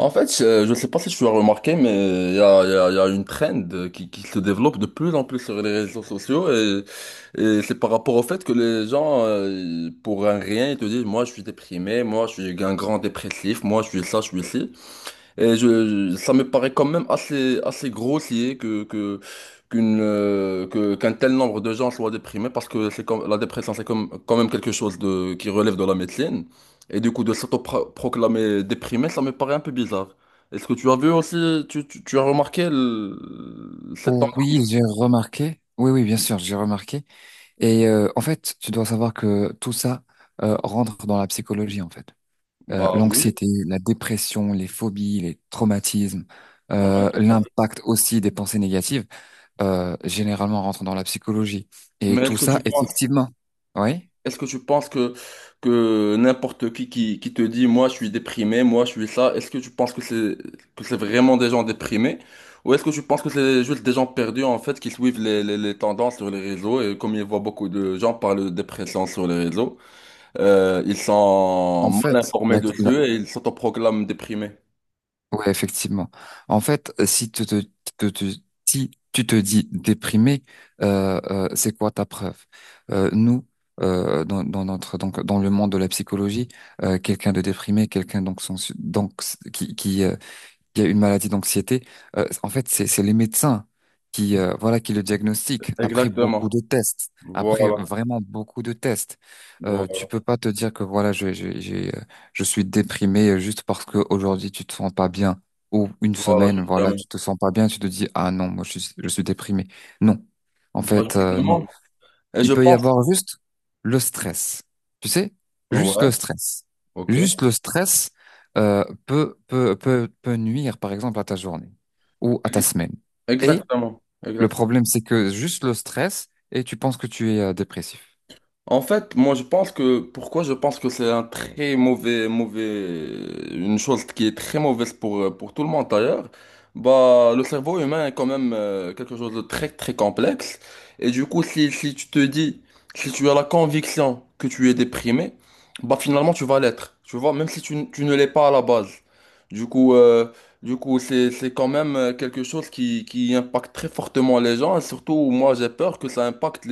En fait, je ne sais pas si tu as remarqué, mais il y a, il y a- il y a une trend qui se développe de plus en plus sur les réseaux sociaux et c'est par rapport au fait que les gens, pour un rien, ils te disent, moi je suis déprimé, moi je suis un grand dépressif, moi je suis ça, je suis ci. Et ça me paraît quand même assez, assez grossier qu'un tel nombre de gens soient déprimés parce que c'est comme, la dépression, c'est comme, quand même quelque chose qui relève de la médecine. Et du coup, de s'autoproclamer déprimé, ça me paraît un peu bizarre. Est-ce que tu as vu aussi, tu as remarqué cette Oui, tendance? j'ai remarqué. Oui, oui, bien sûr, j'ai remarqué. Et en fait, tu dois savoir que tout ça rentre dans la psychologie, en fait. Euh, Bah oui, l'anxiété, la dépression, les phobies, les traumatismes, ouais. L'impact aussi des pensées négatives, généralement rentrent dans la psychologie. Et Mais tout est-ce que ça, tu penses, effectivement, oui. Est-ce que tu penses que n'importe qui, qui te dit, moi je suis déprimé, moi je suis ça, est-ce que tu penses que c'est vraiment des gens déprimés? Ou est-ce que tu penses que c'est juste des gens perdus en fait qui suivent les tendances sur les réseaux et comme ils voient beaucoup de gens parler de dépression sur les réseaux, ils sont En fait, mal informés la, la- dessus et ils s'autoproclament déprimés. ouais, effectivement. En fait, si tu te, te- te- si tu te dis déprimé, c'est quoi ta preuve? Nous, dans le monde de la psychologie, quelqu'un de déprimé, quelqu'un donc, qui, qui, euh, qu'il y a une maladie d'anxiété, en fait, c'est les médecins qui le diagnostiquent après beaucoup Exactement. de tests, après Voilà. vraiment beaucoup de tests. Tu Voilà, peux pas te dire que voilà, je suis déprimé juste parce que aujourd'hui tu te sens pas bien ou une voilà semaine, voilà, justement. tu te sens pas bien, tu te dis ah non, moi je suis déprimé. Non, en Bah, fait, non. justement. Et je Il peut y pense. avoir juste le stress. Tu sais, juste Ouais, le stress. ok. Juste le stress peut nuire, par exemple, à ta journée ou à ta semaine. Et Exactement. le Exactement. problème, c'est que juste le stress, et tu penses que tu es dépressif. En fait, moi je pense que pourquoi je pense que c'est un très mauvais mauvais une chose qui est très mauvaise pour tout le monde d'ailleurs. Bah le cerveau humain est quand même quelque chose de très très complexe et du coup si tu as la conviction que tu es déprimé, bah finalement tu vas l'être. Tu vois, même si tu ne l'es pas à la base. Du coup euh, du coup, c'est quand même quelque chose qui impacte très fortement les gens et surtout moi j'ai peur que ça impacte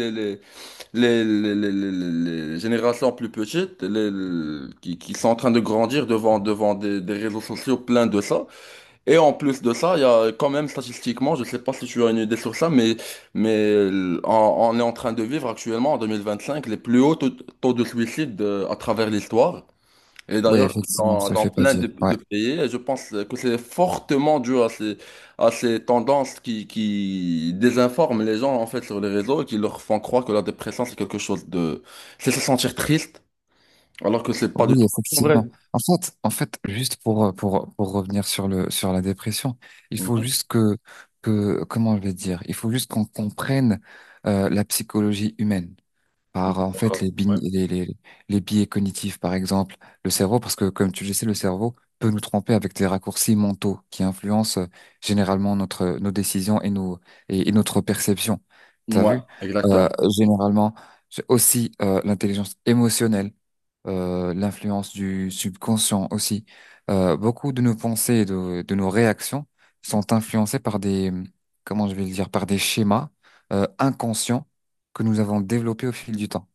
les générations plus petites qui sont en train de grandir devant des réseaux sociaux pleins de ça. Et en plus de ça, il y a quand même statistiquement, je sais pas si tu as une idée sur ça, mais, mais euh, on, on est en train de vivre actuellement en 2025 les plus hauts taux de suicide à travers l'histoire. Et Oui, d'ailleurs, effectivement, je dans, te le dans fais pas plein dire. de, Ouais. de pays, et je pense que c'est fortement dû à ces tendances qui désinforment les gens en fait sur les réseaux et qui leur font croire que la dépression c'est quelque chose. C'est se sentir triste, alors que c'est pas du tout Oui, vrai. effectivement. En fait, juste pour revenir sur la dépression, il faut Ouais, juste comment je vais dire, il faut juste qu'on comprenne la psychologie humaine. Par en fait les, bign- ouais. Les biais cognitifs, par exemple, le cerveau, parce que comme tu le sais, le cerveau peut nous tromper avec des raccourcis mentaux qui influencent généralement nos décisions et notre perception. T'as Ouais, vu? Euh, exactement. généralement, j'ai aussi l'intelligence émotionnelle, l'influence du subconscient aussi. Beaucoup de nos pensées et de nos réactions sont influencées par des, comment je vais le dire, par des schémas inconscients que nous avons développé au fil du temps.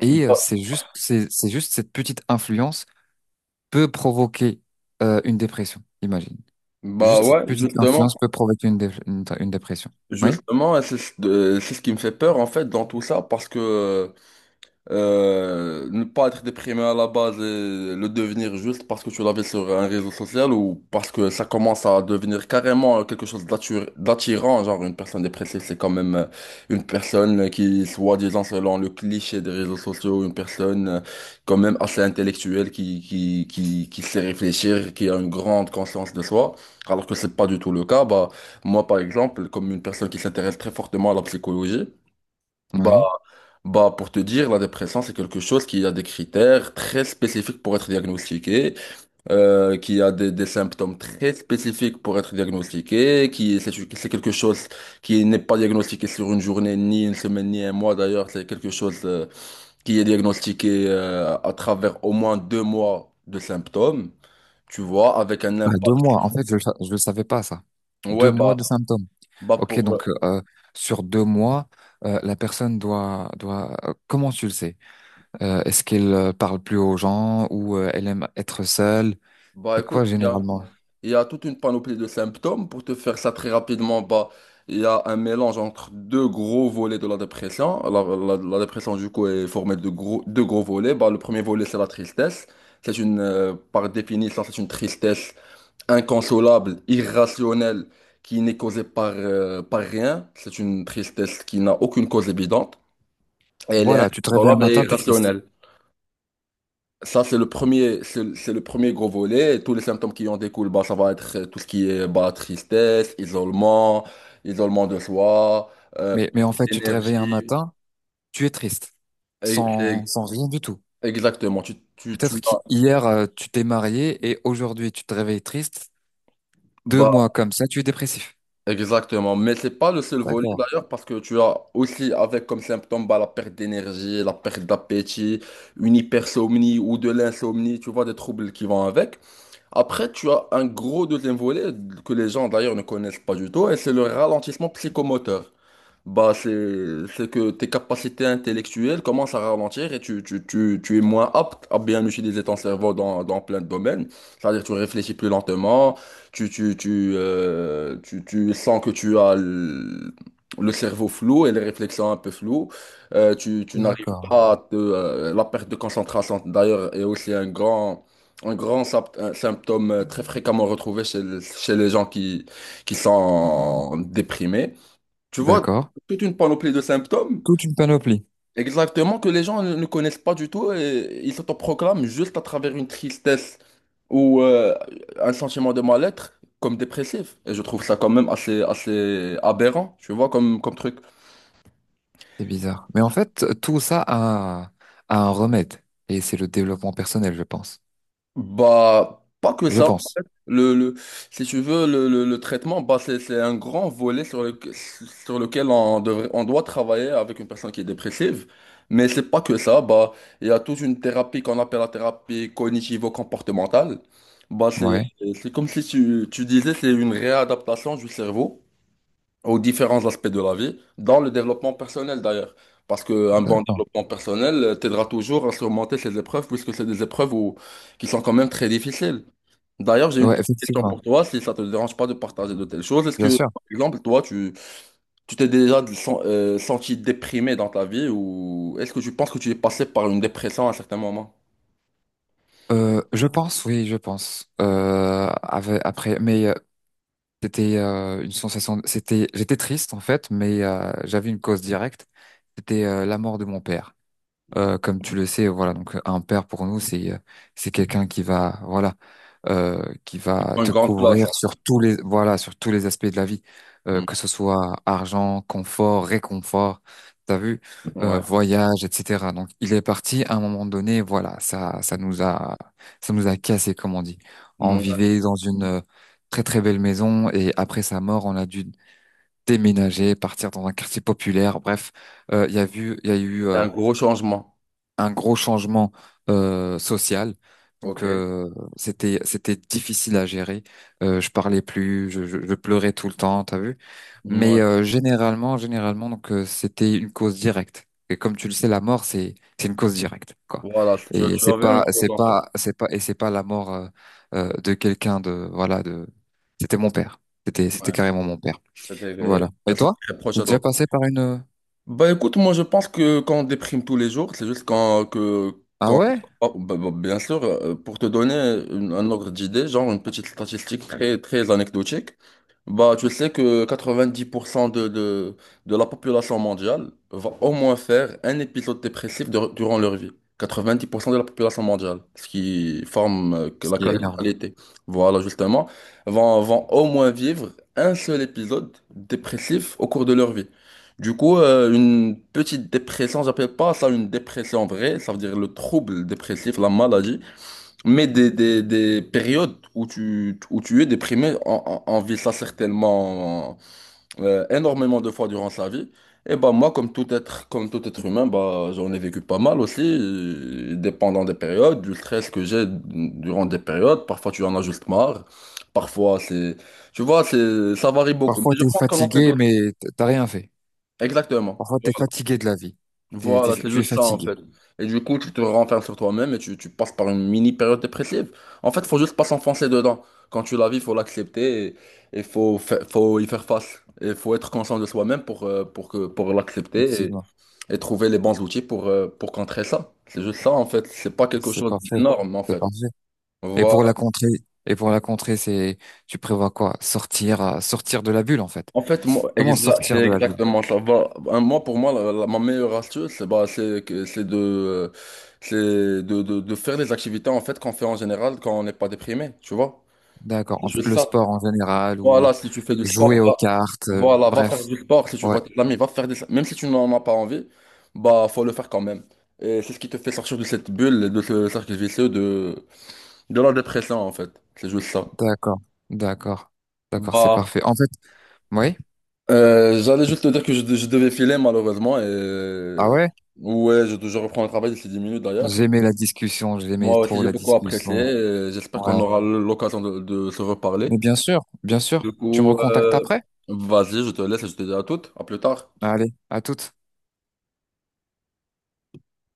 Et Bah c'est juste cette petite influence peut provoquer une dépression, imagine. bah Juste cette ouais, petite justement, influence peut provoquer une dépression. Oui? Et c'est ce qui me fait peur en fait dans tout ça parce que ne pas être déprimé à la base et le devenir juste parce que tu l'as vu sur un réseau social ou parce que ça commence à devenir carrément quelque chose d'attirant, genre une personne dépressive, c'est quand même une personne qui, soi-disant, selon le cliché des réseaux sociaux, une personne quand même assez intellectuelle qui sait réfléchir, qui a une grande conscience de soi, alors que c'est pas du tout le cas. Bah, moi, par exemple, comme une personne qui s'intéresse très fortement à la psychologie, bah, Oui. Pour te dire, la dépression, c'est quelque chose qui a des critères très spécifiques pour être diagnostiqué, qui a des symptômes très spécifiques pour être diagnostiqué, c'est quelque chose qui n'est pas diagnostiqué sur une journée, ni une semaine, ni un mois d'ailleurs, c'est quelque chose, qui est diagnostiqué, à travers au moins 2 mois de symptômes, tu vois, avec un Bah, impact. deux mois, en fait, je ne le savais pas, ça. Deux Ouais, mois de symptômes. bah, Ok, pour, euh, donc sur deux mois, la personne doit... Comment tu le sais? Est-ce qu'elle parle plus aux gens ou elle aime être seule? bah, C'est quoi écoute, il généralement? Il y a toute une panoplie de symptômes. Pour te faire ça très rapidement, bah, il y a un mélange entre deux gros volets de la dépression. La dépression, du coup, est formée de deux gros volets. Bah, le premier volet, c'est la tristesse. Par définition, c'est une tristesse inconsolable, irrationnelle, qui n'est causée par rien. C'est une tristesse qui n'a aucune cause évidente. Elle est Voilà, tu te réveilles un inconsolable et matin, t'es triste. irrationnelle. Ça, c'est le premier, c'est le premier gros volet. Et tous les symptômes qui en découlent, bah, ça va être tout ce qui est bah, tristesse, isolement, isolement de soi, Mais perte en fait, tu te réveilles un d'énergie. matin, tu es triste, Et- sans, et- sans rien du tout. Exactement. Peut-être qu'hier, tu t'es marié et aujourd'hui, tu te réveilles triste. Deux bah, mois comme ça, tu es dépressif. Exactement, mais c'est pas le seul volet D'accord, d'ailleurs parce que tu as aussi avec comme symptôme bah, la perte d'énergie, la perte d'appétit, une hypersomnie ou de l'insomnie, tu vois, des troubles qui vont avec. Après, tu as un gros deuxième volet que les gens d'ailleurs ne connaissent pas du tout et c'est le ralentissement psychomoteur bah c'est que tes capacités intellectuelles commencent à ralentir et tu es moins apte à bien utiliser ton cerveau dans plein de domaines. C'est-à-dire tu réfléchis plus lentement, tu sens que tu as le cerveau flou et les réflexions un peu floues. Tu, tu n'arrives d'accord, pas à te, la perte de concentration d'ailleurs est aussi un grand, un symptôme très fréquemment retrouvé chez les gens qui sont déprimés. Tu vois, d'accord. toute une panoplie de symptômes, Toute une panoplie. exactement, que les gens ne connaissent pas du tout et ils s'autoproclament juste à travers une tristesse ou un sentiment de mal-être comme dépressif. Et je trouve ça quand même assez, assez aberrant, tu vois, comme truc. C'est bizarre. Mais en fait, tout ça a un remède. Et c'est le développement personnel, je pense. Bah, pas que Je ça. pense. Le, le, si tu veux, le traitement, bah, c'est un grand volet sur lequel on devrait, on doit travailler avec une personne qui est dépressive. Mais c'est pas que ça. Bah, il y a toute une thérapie qu'on appelle la thérapie cognitivo-comportementale. Bah, c'est, Ouais, c'est comme si tu disais, c'est une réadaptation du cerveau aux différents aspects de la vie, dans le développement personnel d'ailleurs. Parce qu'un bon d'accord. développement personnel t'aidera toujours à surmonter ces épreuves, puisque c'est des épreuves qui sont quand même très difficiles. D'ailleurs, j'ai une Ouais, petite question pour effectivement. toi, si ça te dérange pas de partager de telles choses. Est-ce Bien que, sûr. par exemple, toi, tu t'es déjà senti déprimé dans ta vie ou est-ce que tu penses que tu es passé par une dépression à un certain moment? Je pense, oui, je pense. Après, mais c'était une sensation. J'étais triste en fait, mais j'avais une cause directe. C'était la mort de mon père. Comme tu le sais, voilà, donc un père pour nous, c'est quelqu'un qui va, voilà, euh, qui Qui va prend une te grande place. couvrir sur tous les aspects de la vie, que Hein. ce soit argent, confort, réconfort, t'as vu, Mm. Ouais. voyage, etc. Donc il est parti à un moment donné, voilà, ça nous a cassé, comme on dit. Mm. On Ouais. vivait dans une très très belle maison et après sa mort, on a dû déménager, partir dans un quartier populaire. Bref, il y a eu C'est un gros changement. un gros changement social. Donc Ok. C'était difficile à gérer. Je parlais plus, je pleurais tout le temps, t'as vu? Mmh, Mais ouais. Généralement, donc c'était une cause directe. Et comme tu le sais, la mort, c'est une cause directe, quoi. Voilà, tu, Et tu c'est avais un pas peu. c'est pas c'est pas et c'est pas la mort de quelqu'un de voilà de. C'était mon père. C'était Ouais. c'était carrément mon père. C'est-à-dire Voilà. un Et choc toi? très proche T'es à déjà toi. passé par une. Bah écoute, moi je pense que quand on déprime tous les jours, c'est juste Ah quand... ouais? oh, bah, bien sûr, pour te donner un ordre d'idée, genre une petite statistique très, très anecdotique, bah, tu sais que 90% de la population mondiale va au moins faire un épisode dépressif durant leur vie. 90% de la population mondiale, ce qui forme que Ce la qui est énorme. quasi-totalité. Voilà, justement, vont au moins vivre un seul épisode dépressif au cours de leur vie. Du coup, une petite dépression, j'appelle pas ça une dépression vraie, ça veut dire le trouble dépressif, la maladie. Mais des périodes où tu es déprimé, on vit ça certainement énormément de fois durant sa vie. Et bah moi, comme tout être humain, bah, j'en ai vécu pas mal aussi, dépendant des périodes, du stress que j'ai durant des périodes. Parfois, tu en as juste marre. Parfois. Tu vois, ça varie beaucoup. Parfois, Mais je t'es pense qu'on en fait fatigué, tous. mais t'as rien fait. Exactement. Parfois, t'es fatigué de la vie. Voilà, c'est Tu es juste ça en fatigué, fait. Et du coup, tu te renfermes sur toi-même et tu passes par une mini période dépressive. En fait, faut juste pas s'enfoncer dedans. Quand tu la vis, faut l'accepter et il faut y faire face. Et faut être conscient de soi-même pour l'accepter et, effectivement. et trouver les bons outils pour contrer ça. C'est juste ça en fait. C'est pas quelque C'est chose pas faux. d'énorme en C'est fait. pas vrai. Et Voilà. pour la contrée, et pour la contrée, tu prévois quoi? Sortir, sortir de la bulle, en fait. En fait, moi, Comment c'est sortir de la bulle? exactement ça. Pour moi, ma meilleure astuce, c'est bah, c'est de faire des activités en fait qu'on fait en général quand on n'est pas déprimé, tu vois. D'accord. C'est En fait, juste le ça. sport en général ou Voilà, si tu fais du sport, jouer aux va, cartes, voilà, va faire bref. du sport. Si tu Ouais, vois tes amis, va faire. Même si tu n'en as pas envie, bah, faut le faire quand même. Et c'est ce qui te fait sortir de cette bulle, de ce cercle vicieux de la dépression, en fait. C'est juste ça. d'accord. D'accord. D'accord, c'est Bah, parfait. En fait, oui. J'allais juste te dire que je devais filer malheureusement et Ah ouais? ouais, je reprends le travail d'ici 10 minutes d'ailleurs. J'aimais la discussion, j'aimais Moi aussi, trop j'ai la beaucoup apprécié discussion. et j'espère Ouais. qu'on aura l'occasion de se reparler. Mais bien sûr, bien sûr. Du Tu me coup, recontactes après? vas-y, je te laisse et je te dis à toutes. À plus tard. Allez, à toutes.